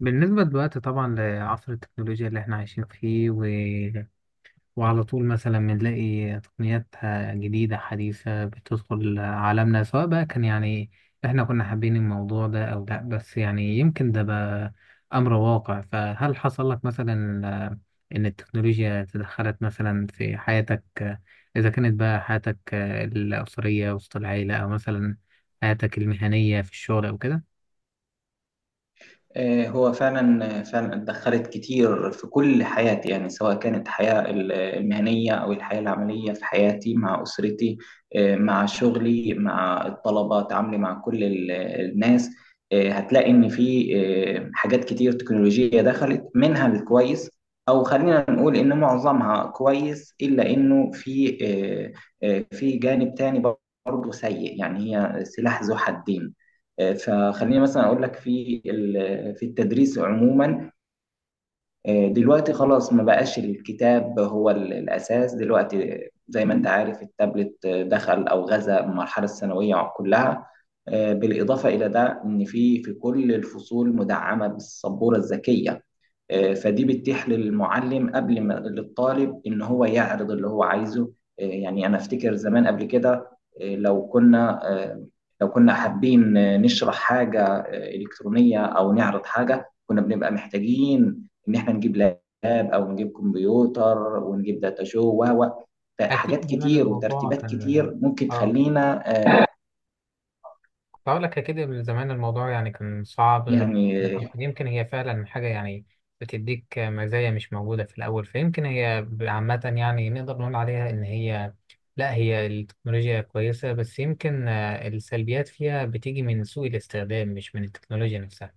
بالنسبة دلوقتي طبعا لعصر التكنولوجيا اللي احنا عايشين فيه و... وعلى طول مثلا بنلاقي تقنيات جديدة حديثة بتدخل عالمنا، سواء بقى كان يعني احنا كنا حابين الموضوع ده او لا، بس يعني يمكن ده بقى امر واقع. فهل حصل لك مثلا ان التكنولوجيا تدخلت مثلا في حياتك، اذا كانت بقى حياتك الاسرية وسط العيلة، او مثلا حياتك المهنية في الشغل او كده؟ هو فعلا اتدخلت كتير في كل حياتي، يعني سواء كانت الحياة المهنية أو الحياة العملية في حياتي مع أسرتي. مع شغلي، مع الطلبة، تعاملي مع كل الناس. هتلاقي إن في حاجات كتير تكنولوجية دخلت منها الكويس، أو خلينا نقول إن معظمها كويس، إلا إنه في في جانب تاني برضه سيء، يعني هي سلاح ذو حدين. فخليني مثلا اقول لك في في التدريس عموما، دلوقتي خلاص ما بقاش الكتاب هو الأساس. دلوقتي زي ما أنت عارف التابلت دخل أو غزا المرحلة الثانوية كلها. بالإضافة إلى ده إن في كل الفصول مدعمة بالسبورة الذكية. فدي بتتيح للمعلم قبل ما للطالب ان هو يعرض اللي هو عايزه. يعني انا افتكر زمان قبل كده، آه، لو كنا آه، لو كنا حابين نشرح حاجة إلكترونية أو نعرض حاجة، كنا بنبقى محتاجين ان احنا نجيب لاب او نجيب كمبيوتر، ونجيب داتا شو و أكيد حاجات زمان كتير الموضوع وترتيبات كان كتير ممكن آه. تخلينا. آه، بقول لك أكيد من زمان الموضوع يعني كان صعب غير. يعني يمكن هي فعلا حاجة يعني بتديك مزايا مش موجودة في الأول، فيمكن هي عامة يعني نقدر نقول عليها إن هي لا، هي التكنولوجيا كويسة، بس يمكن السلبيات فيها بتيجي من سوء الاستخدام، مش من التكنولوجيا نفسها.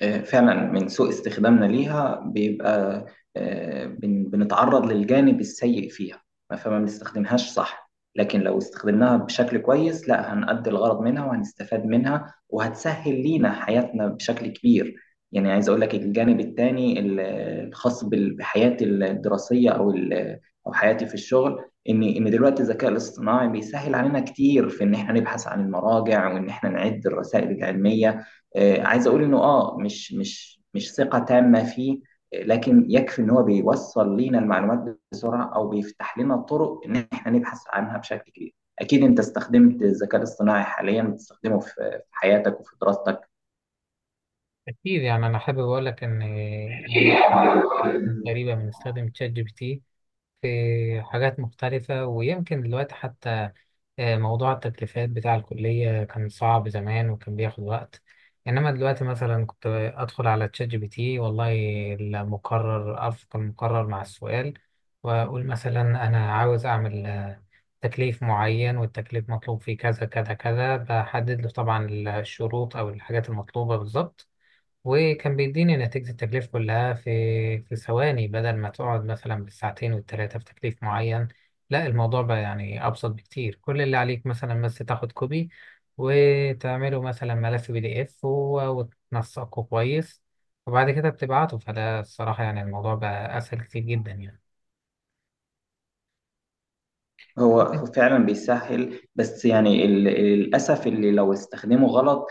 فعلا من سوء استخدامنا ليها بيبقى بنتعرض للجانب السيء فيها. فما بنستخدمهاش صح، لكن لو استخدمناها بشكل كويس لا هنأدي الغرض منها وهنستفاد منها وهتسهل لينا حياتنا بشكل كبير. يعني عايز اقول لك الجانب التاني الخاص بحياتي الدراسية او حياتي في الشغل، ان دلوقتي الذكاء الاصطناعي بيسهل علينا كتير في ان احنا نبحث عن المراجع وان احنا نعد الرسائل العلمية. عايز اقول انه اه مش ثقة تامة فيه، لكن يكفي ان هو بيوصل لينا المعلومات بسرعة او بيفتح لنا طرق ان احنا نبحث عنها بشكل كبير. اكيد انت استخدمت الذكاء الاصطناعي حاليا، بتستخدمه في في حياتك وفي دراستك؟ أكيد، يعني أنا حابب أقول لك إن أنا كنت تقريبا بنستخدم ChatGPT في حاجات مختلفة. ويمكن دلوقتي حتى موضوع التكليفات بتاع الكلية كان صعب زمان وكان بياخد وقت، إنما دلوقتي مثلا كنت أدخل على ChatGPT والله، المقرر أرفق المقرر مع السؤال وأقول مثلا أنا عاوز أعمل تكليف معين، والتكليف مطلوب فيه كذا كذا كذا. بحدد له طبعا الشروط أو الحاجات المطلوبة بالظبط، وكان بيديني نتيجة التكليف كلها في في ثواني، بدل ما تقعد مثلا بالساعتين والتلاتة في تكليف معين. لا، الموضوع بقى يعني أبسط بكتير. كل اللي عليك مثلا بس تاخد كوبي وتعمله مثلا ملف PDF وتنسقه كويس وبعد كده بتبعته. فده الصراحة يعني الموضوع بقى أسهل كتير جدا يعني. هو فعلا بيسهل، بس يعني للاسف اللي لو استخدمه غلط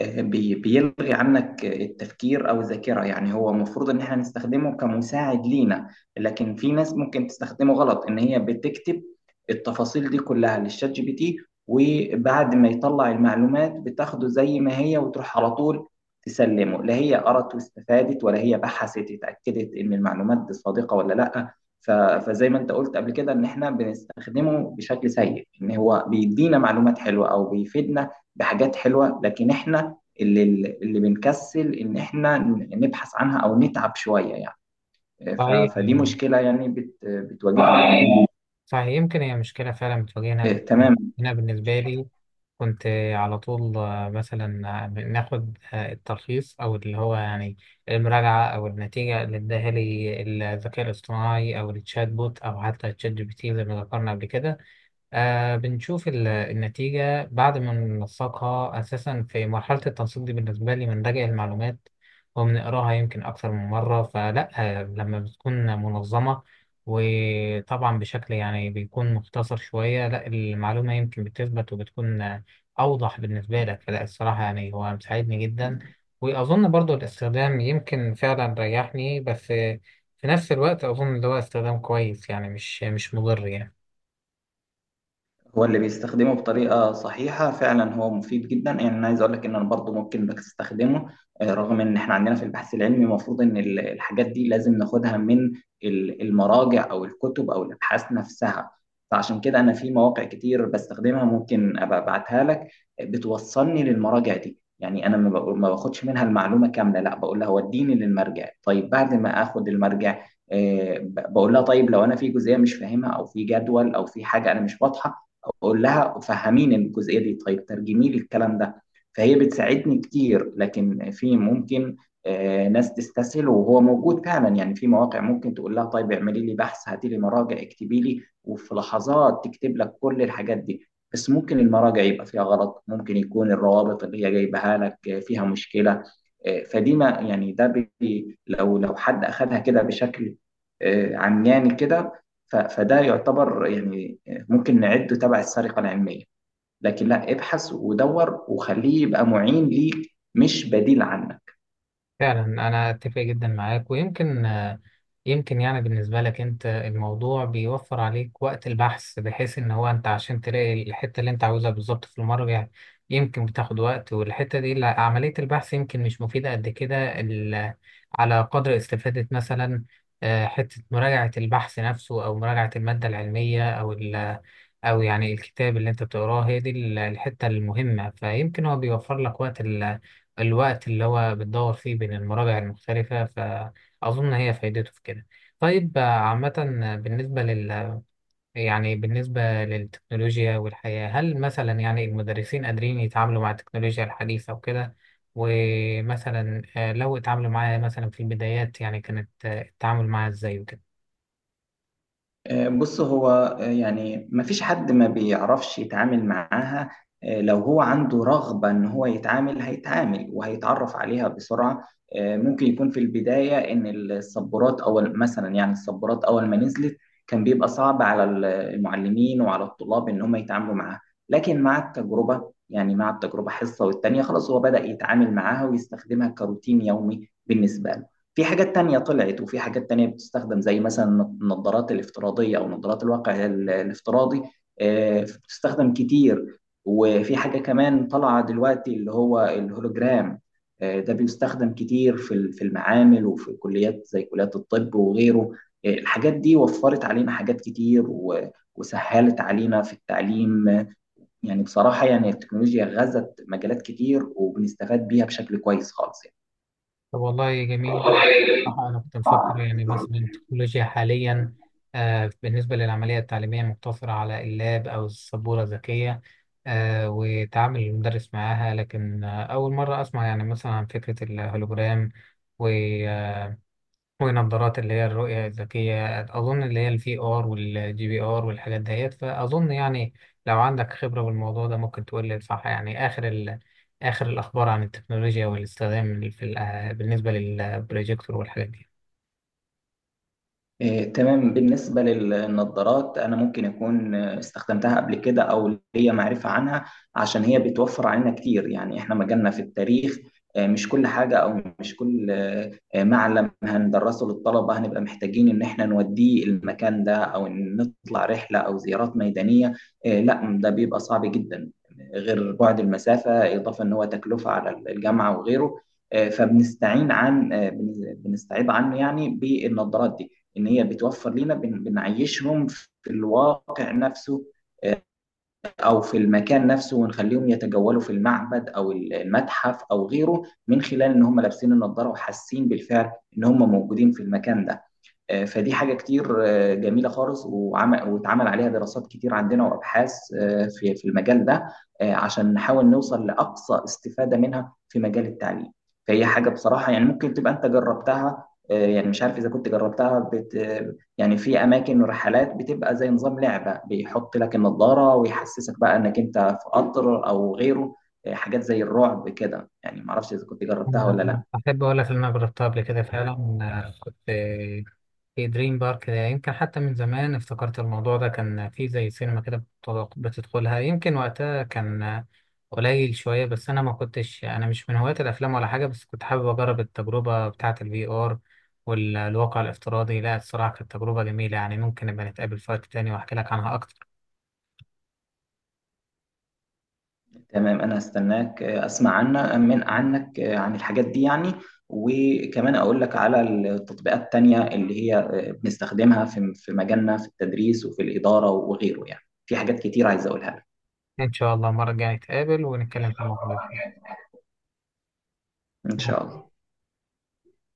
بيلغي عنك التفكير او الذاكره. يعني هو المفروض ان احنا نستخدمه كمساعد لينا، لكن في ناس ممكن تستخدمه غلط، ان هي بتكتب التفاصيل دي كلها للشات جي بي تي، وبعد ما يطلع المعلومات بتاخده زي ما هي وتروح على طول تسلمه. لا هي قرت واستفادت، ولا هي بحثت اتاكدت ان المعلومات دي صادقه ولا لا. ف- فزي ما انت قلت قبل كده ان احنا بنستخدمه بشكل سيء، ان هو بيدينا معلومات حلوه او بيفيدنا بحاجات حلوه، لكن احنا اللي اللي بنكسل ان احنا نبحث عنها او نتعب شويه يعني. صحيح فدي يعني. مشكله يعني بتواجهنا. صحيح، يمكن هي مشكلة فعلا بتواجهنا، بس يعني تمام. أنا بالنسبة لي كنت على طول مثلا ناخد التلخيص او اللي هو يعني المراجعه او النتيجه اللي اداها لي الذكاء الاصطناعي او التشات بوت او حتى ChatGPT ال زي ما ذكرنا قبل كده. آه، بنشوف النتيجة. بعد ما ننسقها، أساسا في مرحلة التنسيق دي بالنسبة لي بنراجع المعلومات وبنقراها يمكن أكثر من مرة. فلا، لما بتكون منظمة وطبعا بشكل يعني بيكون مختصر شوية، لا، المعلومة يمكن بتثبت وبتكون أوضح بالنسبة لك. فلا الصراحة يعني هو مساعدني جدا، وأظن برضو الاستخدام يمكن فعلا ريحني. بس في نفس الوقت أظن اللي هو استخدام كويس يعني مش مضر يعني. هو اللي بيستخدمه بطريقة صحيحة فعلا هو مفيد جدا، يعني أنا عايز أقول لك إن أنا برضه ممكن بستخدمه، رغم إن إحنا عندنا في البحث العلمي المفروض إن الحاجات دي لازم ناخدها من المراجع أو الكتب أو الأبحاث نفسها. فعشان كده أنا في مواقع كتير بستخدمها، ممكن أبقى أبعتها لك، بتوصلني للمراجع دي. يعني أنا ما باخدش منها المعلومة كاملة، لا بقول لها وديني للمرجع. طيب بعد ما آخد المرجع بقول لها طيب لو أنا في جزئية مش فاهمها أو في جدول أو في حاجة أنا مش واضحة، اقول لها فهميني الجزئيه دي، طيب ترجمي لي الكلام ده. فهي بتساعدني كتير، لكن في ممكن ناس تستسهل، وهو موجود فعلا، يعني في مواقع ممكن تقول لها طيب اعملي لي بحث، هاتي لي مراجع، اكتبي لي، وفي لحظات تكتب لك كل الحاجات دي. بس ممكن المراجع يبقى فيها غلط، ممكن يكون الروابط اللي هي جايبها لك فيها مشكله. آه، فدي ما يعني ده بي لو لو حد اخذها كده بشكل عمياني كده، فده يعتبر يعني ممكن نعده تبع السرقة العلمية. لكن لا، ابحث ودور وخليه يبقى معين ليك مش بديل عنك. فعلا، انا اتفق جدا معاك، ويمكن يمكن يعني بالنسبه لك انت، الموضوع بيوفر عليك وقت البحث، بحيث ان هو انت عشان تلاقي الحته اللي انت عاوزها بالظبط في المرجع يمكن بتاخد وقت. والحته دي عمليه البحث يمكن مش مفيده قد كده على قدر استفاده مثلا حته مراجعه البحث نفسه او مراجعه الماده العلميه او ال او يعني الكتاب اللي انت بتقراه، هي دي الحته المهمه. فيمكن هو بيوفر لك وقت، الوقت اللي هو بتدور فيه بين المراجع المختلفة. فأظن هي فايدته في كده. طيب عامة آه، بالنسبة لل يعني بالنسبة للتكنولوجيا والحياة، هل مثلا يعني المدرسين قادرين يتعاملوا مع التكنولوجيا الحديثة وكده؟ ومثلا لو اتعاملوا معاها مثلا في البدايات، يعني كانت التعامل معاها ازاي وكده؟ بص هو يعني مفيش حد ما بيعرفش يتعامل معاها. لو هو عنده رغبة إن هو يتعامل هيتعامل وهيتعرف عليها بسرعة. ممكن يكون في البداية إن الصبورات أول، مثلا يعني الصبورات أول ما نزلت كان بيبقى صعب على المعلمين وعلى الطلاب إن هم يتعاملوا معاها، لكن مع التجربة، يعني مع التجربة حصة والتانية خلاص هو بدأ يتعامل معاها ويستخدمها كروتين يومي بالنسبة له. في حاجات تانية طلعت وفي حاجات تانية بتستخدم، زي مثلا النظارات الافتراضية أو نظارات الواقع الافتراضي، بتستخدم كتير. وفي حاجة كمان طالعة دلوقتي اللي هو الهولوجرام، ده بيستخدم كتير في في المعامل وفي كليات زي كليات الطب وغيره. الحاجات دي وفرت علينا حاجات كتير وسهلت علينا في التعليم. يعني بصراحة يعني التكنولوجيا غزت مجالات كتير وبنستفاد بيها بشكل كويس خالص طب والله جميل. يعني. صراحة أنا كنت مفكر يعني مثلا التكنولوجيا حاليا آه، بالنسبة للعملية التعليمية مقتصرة على اللاب أو السبورة الذكية آه، وتعامل المدرس معاها. لكن آه، أول مرة أسمع يعني مثلا عن فكرة الهولوجرام ونظارات اللي هي الرؤية الذكية، أظن اللي هي VR ال وGPR ال والحاجات ديت. فأظن يعني لو عندك خبرة بالموضوع ده ممكن تقول لي، صح يعني آخر آخر الأخبار عن التكنولوجيا والاستخدام في بالنسبة للبروجيكتور والحاجات دي. إيه، تمام. بالنسبة للنظارات أنا ممكن أكون استخدمتها قبل كده أو ليا معرفة عنها، عشان هي بتوفر علينا كتير. يعني إحنا مجالنا في التاريخ، مش كل حاجة أو مش كل معلم هندرسه للطلبة هنبقى محتاجين إن إحنا نوديه المكان ده أو إن نطلع رحلة أو زيارات ميدانية. لا ده بيبقى صعب جدا، غير بعد المسافة، إضافة إن هو تكلفة على الجامعة وغيره. آه، فبنستعين عن آه، بن- بنستعيض عنه يعني بالنظارات دي، ان هي بتوفر لنا بنعيشهم في الواقع نفسه، آه، او في المكان نفسه، ونخليهم يتجولوا في المعبد او المتحف او غيره، من خلال ان هم لابسين النضاره وحاسين بالفعل ان هم موجودين في المكان ده. فدي حاجة كتير جميلة خالص، وعمل واتعمل عليها دراسات كتير عندنا وأبحاث في المجال ده، عشان نحاول نوصل لأقصى استفادة منها في مجال التعليم. فهي حاجة بصراحة يعني ممكن تبقى أنت جربتها، يعني مش عارف إذا كنت جربتها يعني. في أماكن ورحلات بتبقى زي نظام لعبة، بيحط لك النظارة ويحسسك بقى إنك أنت في قطر أو غيره، حاجات زي الرعب كده يعني. معرفش إذا كنت جربتها ولا أنا لأ. أحب أقول لك إن أنا جربتها قبل كده فعلا. أنا كنت في دريم بارك ده يمكن حتى من زمان، افتكرت الموضوع ده كان في زي سينما كده بتدخلها. يمكن وقتها كان قليل شوية، بس أنا ما كنتش، أنا مش من هواة الأفلام ولا حاجة، بس كنت حابب أجرب التجربة بتاعة VR ال والواقع الافتراضي. لا الصراحة كانت تجربة جميلة يعني. ممكن نبقى نتقابل في وقت تاني وأحكي لك عنها أكتر. تمام، انا هستناك اسمع عنا من عنك عن الحاجات دي يعني، وكمان اقول لك على التطبيقات التانية اللي هي بنستخدمها في مجالنا في التدريس وفي الإدارة وغيره، يعني في حاجات كتير عايز اقولها لك. إن شاء الله المرة الجاية نتقابل ونتكلم في الموضوع ان شاء ده. الله.